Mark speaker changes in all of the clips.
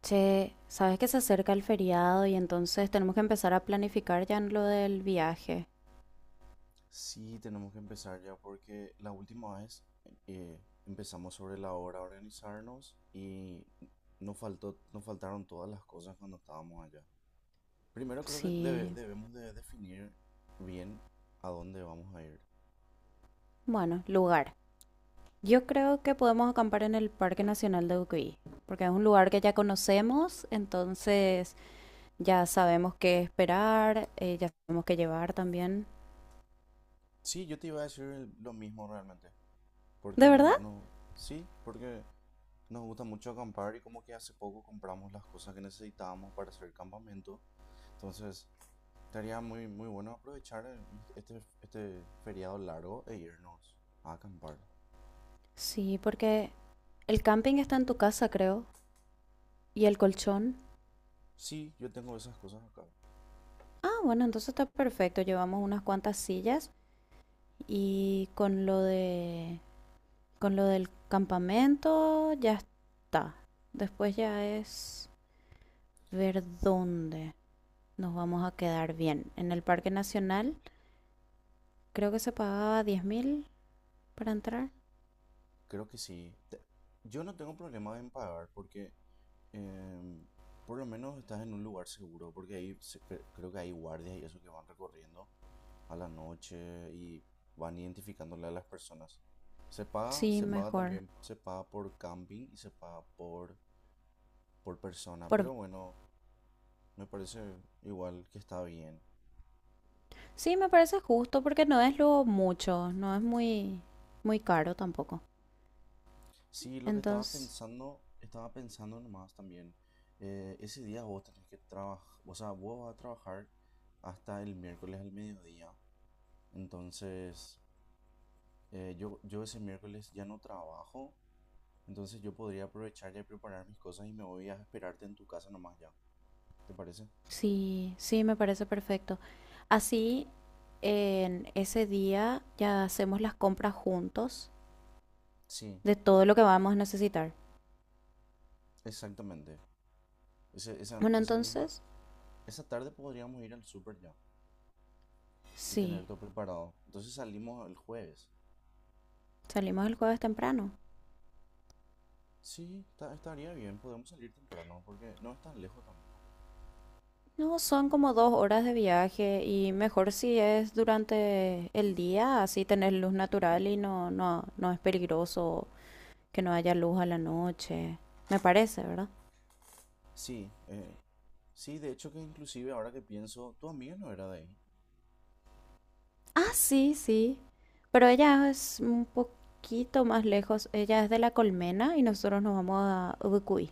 Speaker 1: Che, sabes que se acerca el feriado y entonces tenemos que empezar a planificar ya en lo del viaje.
Speaker 2: Sí, tenemos que empezar ya porque la última vez empezamos sobre la hora a organizarnos y nos faltaron todas las cosas cuando estábamos allá. Primero creo que
Speaker 1: Sí,
Speaker 2: debemos de definir bien a dónde vamos a ir.
Speaker 1: bueno, lugar. Yo creo que podemos acampar en el Parque Nacional de Ucuy, porque es un lugar que ya conocemos, entonces ya sabemos qué esperar, ya sabemos qué llevar también.
Speaker 2: Sí, yo te iba a decir lo mismo realmente,
Speaker 1: ¿De
Speaker 2: porque
Speaker 1: verdad?
Speaker 2: sí, porque nos gusta mucho acampar y como que hace poco compramos las cosas que necesitábamos para hacer el campamento. Entonces, estaría muy, muy bueno aprovechar este feriado largo e irnos a acampar.
Speaker 1: Sí, porque el camping está en tu casa, creo, y el colchón.
Speaker 2: Sí, yo tengo esas cosas acá.
Speaker 1: Ah, bueno, entonces está perfecto. Llevamos unas cuantas sillas y con lo del campamento ya está. Después ya es ver dónde nos vamos a quedar bien. En el Parque Nacional creo que se pagaba 10.000 para entrar.
Speaker 2: Creo que sí. Yo no tengo problema en pagar porque, em, por lo menos estás en un lugar seguro, porque ahí creo que hay guardias y eso que van recorriendo a la noche y van identificándole a las personas.
Speaker 1: Sí, mejor.
Speaker 2: Se paga por camping y se paga por persona,
Speaker 1: Por...
Speaker 2: pero bueno, me parece igual que está bien.
Speaker 1: Sí, me parece justo porque no es lo mucho, no es muy, muy caro tampoco.
Speaker 2: Sí, lo que
Speaker 1: Entonces,
Speaker 2: estaba pensando nomás también. Ese día vos tenés que trabajar, o sea, vos vas a trabajar hasta el miércoles al mediodía. Entonces, yo ese miércoles ya no trabajo. Entonces, yo podría aprovechar ya y preparar mis cosas y me voy a esperarte en tu casa nomás ya. ¿Te parece?
Speaker 1: sí, sí, me parece perfecto. Así, en ese día ya hacemos las compras juntos
Speaker 2: Sí,
Speaker 1: de todo lo que vamos a necesitar.
Speaker 2: exactamente.
Speaker 1: Bueno,
Speaker 2: Esa misma,
Speaker 1: entonces,
Speaker 2: esa tarde podríamos ir al súper ya y
Speaker 1: sí,
Speaker 2: tener todo preparado. Entonces, salimos el jueves.
Speaker 1: salimos el jueves temprano.
Speaker 2: Sí, estaría bien, podemos salir temprano porque no es tan lejos tampoco.
Speaker 1: No, son como dos horas de viaje y mejor si es durante el día, así tenés luz natural y no es peligroso que no haya luz a la noche. Me parece, ¿verdad?
Speaker 2: Sí, sí, de hecho que inclusive ahora que pienso, tu amiga no era de ahí.
Speaker 1: Ah, sí, sí. Pero ella es un poquito más lejos. Ella es de La Colmena y nosotros nos vamos a Ubucuy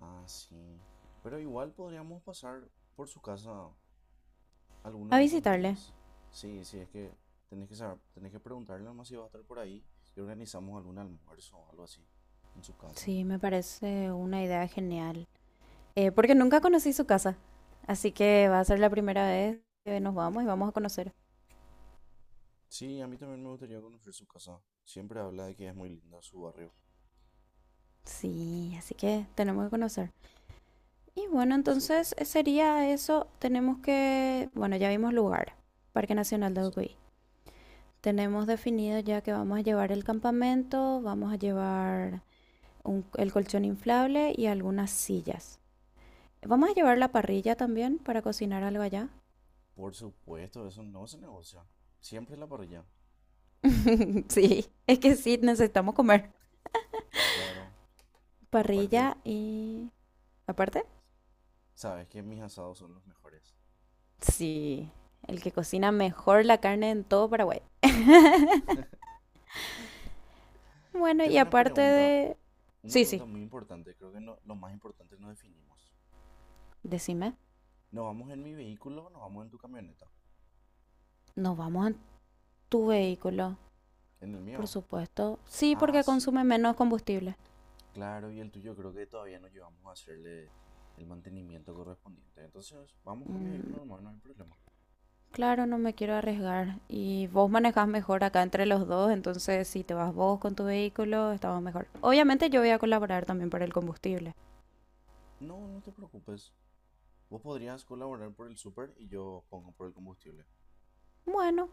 Speaker 2: Ah, sí. Pero igual podríamos pasar por su casa
Speaker 1: a
Speaker 2: alguno de esos
Speaker 1: visitarle.
Speaker 2: días. Sí, sí, es que tenés que saber, tenés que preguntarle nomás si va a estar por ahí y organizamos algún almuerzo o algo así en su casa.
Speaker 1: Sí, me parece una idea genial. Porque nunca conocí su casa. Así que va a ser la primera vez que nos vamos y vamos a conocer.
Speaker 2: Sí, a mí también me gustaría conocer su casa. Siempre habla de que es muy linda su barrio.
Speaker 1: Sí, así que tenemos que conocer. Y bueno,
Speaker 2: Súper.
Speaker 1: entonces sería eso. Tenemos que, bueno, ya vimos lugar, Parque Nacional de
Speaker 2: Sí.
Speaker 1: Ucuy. Tenemos definido ya que vamos a llevar el campamento, vamos a llevar el colchón inflable y algunas sillas. Vamos a llevar la parrilla también para cocinar algo allá.
Speaker 2: Por supuesto, eso no se negocia. Siempre la parrilla.
Speaker 1: Sí, es que sí, necesitamos comer.
Speaker 2: Claro, aparte,
Speaker 1: Parrilla y... Aparte.
Speaker 2: sabes que mis asados son los mejores.
Speaker 1: Sí, el que cocina mejor la carne en todo Paraguay. Bueno,
Speaker 2: Tengo
Speaker 1: y aparte de...
Speaker 2: una
Speaker 1: Sí, sí,
Speaker 2: pregunta muy importante, creo que no, lo más importante nos definimos.
Speaker 1: decime,
Speaker 2: ¿Nos vamos en mi vehículo o nos vamos en tu camioneta?
Speaker 1: nos vamos en tu vehículo,
Speaker 2: ¿En el
Speaker 1: por
Speaker 2: mío?
Speaker 1: supuesto. Sí,
Speaker 2: Ah,
Speaker 1: porque
Speaker 2: sí,
Speaker 1: consume menos combustible.
Speaker 2: claro, y el tuyo creo que todavía no llevamos a hacerle el mantenimiento correspondiente. Entonces, vamos con mi vehículo
Speaker 1: Mm,
Speaker 2: normal, no hay problema.
Speaker 1: claro, no me quiero arriesgar. Y vos manejás mejor acá entre los dos, entonces si te vas vos con tu vehículo, estamos mejor. Obviamente yo voy a colaborar también para el combustible.
Speaker 2: No, no te preocupes. Vos podrías colaborar por el súper y yo pongo por el combustible.
Speaker 1: Bueno,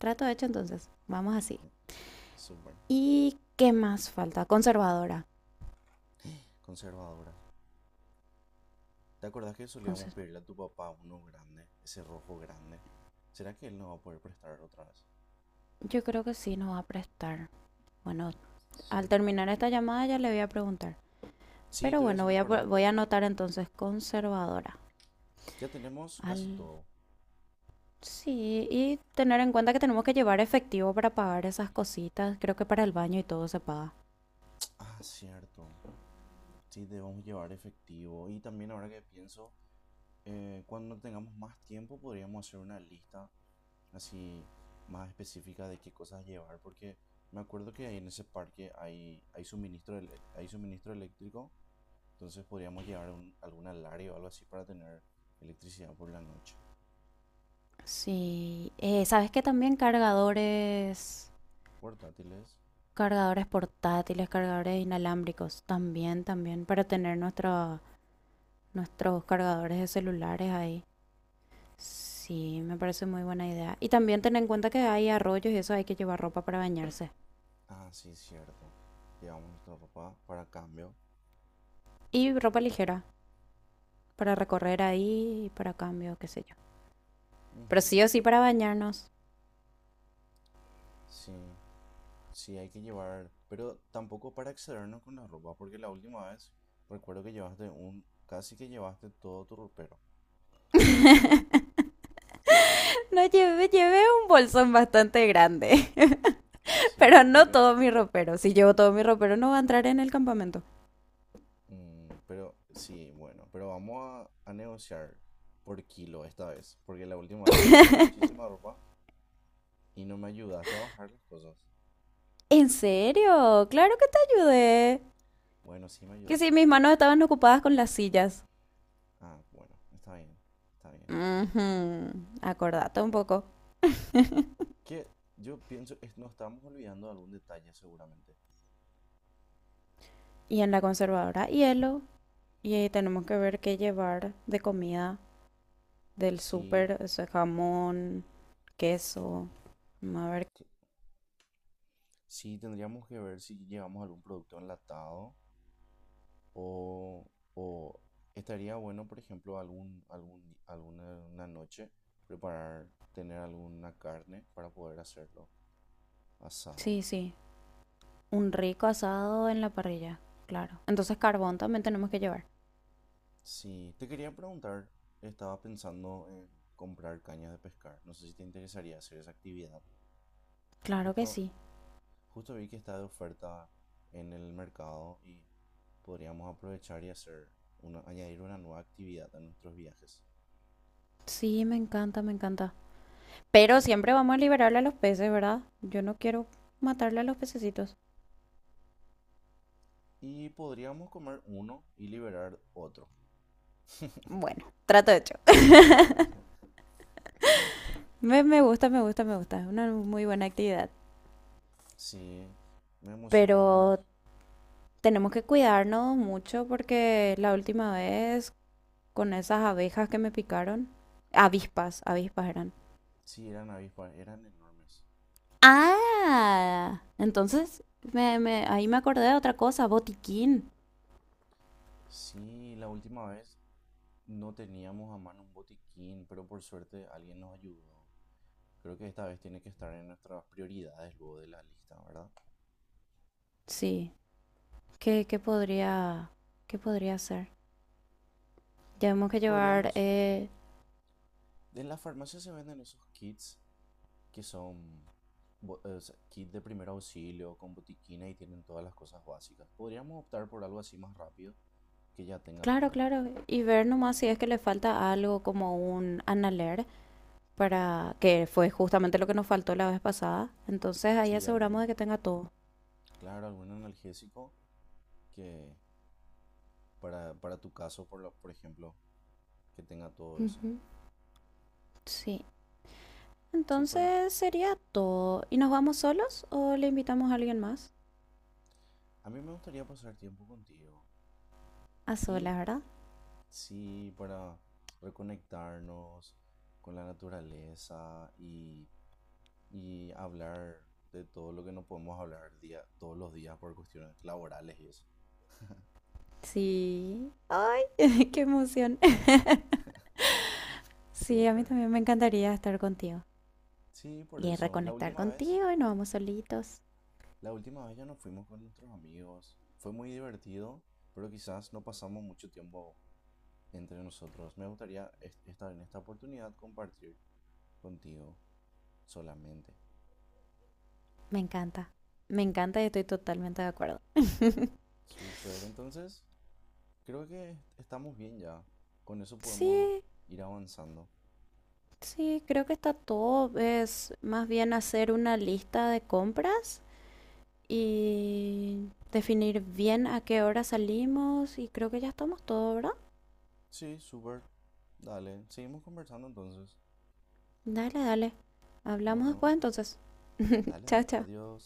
Speaker 1: trato hecho entonces. Vamos así.
Speaker 2: Eh, Súper.
Speaker 1: ¿Y qué más falta? Conservadora.
Speaker 2: Conservadora. ¿Te acordás que solíamos
Speaker 1: Conse-
Speaker 2: pedirle a tu papá uno grande, ese rojo grande? ¿Será que él no va a poder prestar otra vez?
Speaker 1: yo creo que sí nos va a prestar. Bueno, al
Speaker 2: Sí.
Speaker 1: terminar esta llamada ya le voy a preguntar.
Speaker 2: Sí,
Speaker 1: Pero
Speaker 2: te voy a
Speaker 1: bueno,
Speaker 2: hacer acordar.
Speaker 1: voy a anotar entonces conservadora.
Speaker 2: Ya tenemos
Speaker 1: Al...
Speaker 2: casi todo.
Speaker 1: Sí, y tener en cuenta que tenemos que llevar efectivo para pagar esas cositas. Creo que para el baño y todo se paga.
Speaker 2: Ah, cierto. Sí, debemos llevar efectivo. Y también ahora que pienso, cuando tengamos más tiempo podríamos hacer una lista así más específica de qué cosas llevar, porque me acuerdo que ahí en ese parque hay suministro, hay suministro eléctrico, entonces podríamos llevar algún alario o algo así para tener electricidad por la noche.
Speaker 1: Sí, ¿sabes qué? También cargadores,
Speaker 2: Portátiles.
Speaker 1: cargadores portátiles, cargadores inalámbricos. Para tener nuestros cargadores de celulares ahí. Sí, me parece muy buena idea. Y también ten en cuenta que hay arroyos y eso hay que llevar ropa para bañarse.
Speaker 2: Ah, sí, cierto. Llevamos nuestra ropa para cambio.
Speaker 1: Y ropa ligera para recorrer ahí, para cambio, qué sé yo. Pero
Speaker 2: Ujú.
Speaker 1: sí o sí para bañarnos.
Speaker 2: Sí. Sí, hay que llevar, pero tampoco para excedernos con la ropa, porque la última vez recuerdo que llevaste un, casi que llevaste todo tu ropero.
Speaker 1: No llevé, llevé un bolsón bastante grande,
Speaker 2: Sí,
Speaker 1: pero no
Speaker 2: porque,
Speaker 1: todo mi ropero. Si llevo todo mi ropero no va a entrar en el campamento.
Speaker 2: pero sí, bueno, pero vamos a negociar por kilo esta vez, porque la última vez llevaste muchísima ropa y no me ayudaste a bajar las cosas.
Speaker 1: ¿En serio? Claro que te ayudé.
Speaker 2: Bueno, sí me
Speaker 1: Que
Speaker 2: ayudaste.
Speaker 1: sí, mis manos estaban ocupadas con las sillas.
Speaker 2: Ah, bueno, está bien, está bien.
Speaker 1: Ujú, acordate un poco.
Speaker 2: Que yo pienso, nos estamos olvidando de algún detalle seguramente.
Speaker 1: Y en la conservadora, hielo. Y ahí tenemos que ver qué llevar de comida del
Speaker 2: Sí,
Speaker 1: súper, o sea, jamón, queso. A ver.
Speaker 2: sí, tendríamos que ver si llevamos algún producto enlatado o, o estaría bueno, por ejemplo, alguna una noche preparar, tener alguna carne para poder hacerlo asado.
Speaker 1: Sí, sí. Un rico asado en la parrilla, claro. Entonces carbón también tenemos que llevar.
Speaker 2: Sí, te quería preguntar, estaba pensando en comprar cañas de pescar. No sé si te interesaría hacer esa actividad.
Speaker 1: Claro que
Speaker 2: Justo,
Speaker 1: sí.
Speaker 2: justo vi que está de oferta en el mercado y podríamos aprovechar y hacer añadir una nueva actividad a nuestros viajes.
Speaker 1: Sí, me encanta, me encanta.
Speaker 2: ¿Sí?
Speaker 1: Pero siempre vamos a liberarle a los peces, ¿verdad? Yo no quiero matarle a los pececitos.
Speaker 2: Y podríamos comer uno y liberar otro.
Speaker 1: Bueno, trato hecho.
Speaker 2: Dale.
Speaker 1: Me gusta, me gusta, me gusta. Es una muy buena actividad.
Speaker 2: Sí, me emociona,
Speaker 1: Pero tenemos que cuidarnos mucho porque la última vez con esas abejas que me picaron, avispas, avispas eran.
Speaker 2: sí, eran avispas, eran enormes.
Speaker 1: Ah, entonces ahí me acordé de otra cosa, botiquín.
Speaker 2: Sí, la última vez no teníamos a mano un botiquín, pero por suerte alguien nos ayudó. Creo que esta vez tiene que estar en nuestras prioridades luego de la lista, ¿verdad?
Speaker 1: Sí, ¿qué, qué podría, ¿qué podría ser? Tenemos que llevar,
Speaker 2: Podríamos... En las farmacias se venden esos kits que son o sea, kit de primer auxilio con botiquina y tienen todas las cosas básicas. Podríamos optar por algo así más rápido que ya tenga
Speaker 1: claro,
Speaker 2: todo.
Speaker 1: claro, y ver nomás si es que le falta algo como un analer para que fue justamente lo que nos faltó la vez pasada. Entonces ahí
Speaker 2: Sí,
Speaker 1: aseguramos de que tenga todo.
Speaker 2: claro, algún analgésico que para tu caso, por ejemplo, que tenga todo eso.
Speaker 1: Ujú. Sí,
Speaker 2: Súper.
Speaker 1: entonces sería todo. ¿Y nos vamos solos o le invitamos a alguien más?
Speaker 2: A mí me gustaría pasar tiempo contigo.
Speaker 1: A
Speaker 2: Y
Speaker 1: solas, ¿verdad?
Speaker 2: sí, para reconectarnos con la naturaleza y hablar de todo lo que no podemos todos los días por cuestiones laborales y eso.
Speaker 1: Sí. Ay, qué emoción. Sí, a mí
Speaker 2: Súper.
Speaker 1: también me encantaría estar contigo
Speaker 2: Sí, por
Speaker 1: y
Speaker 2: eso.
Speaker 1: reconectar contigo y nos vamos solitos.
Speaker 2: La última vez ya nos fuimos con nuestros amigos. Fue muy divertido, pero quizás no pasamos mucho tiempo entre nosotros. Me gustaría estar en esta oportunidad compartir contigo solamente.
Speaker 1: Me encanta. Me encanta y estoy totalmente de acuerdo.
Speaker 2: Súper, entonces creo que estamos bien ya. Con eso podemos
Speaker 1: Sí,
Speaker 2: ir avanzando.
Speaker 1: sí, creo que está todo. Es más bien hacer una lista de compras y definir bien a qué hora salimos y creo que ya estamos todo, ¿verdad?
Speaker 2: Sí, súper. Dale, seguimos conversando entonces.
Speaker 1: Dale, dale. Hablamos después
Speaker 2: Bueno,
Speaker 1: entonces.
Speaker 2: dale,
Speaker 1: Chao,
Speaker 2: dale.
Speaker 1: chao.
Speaker 2: Adiós.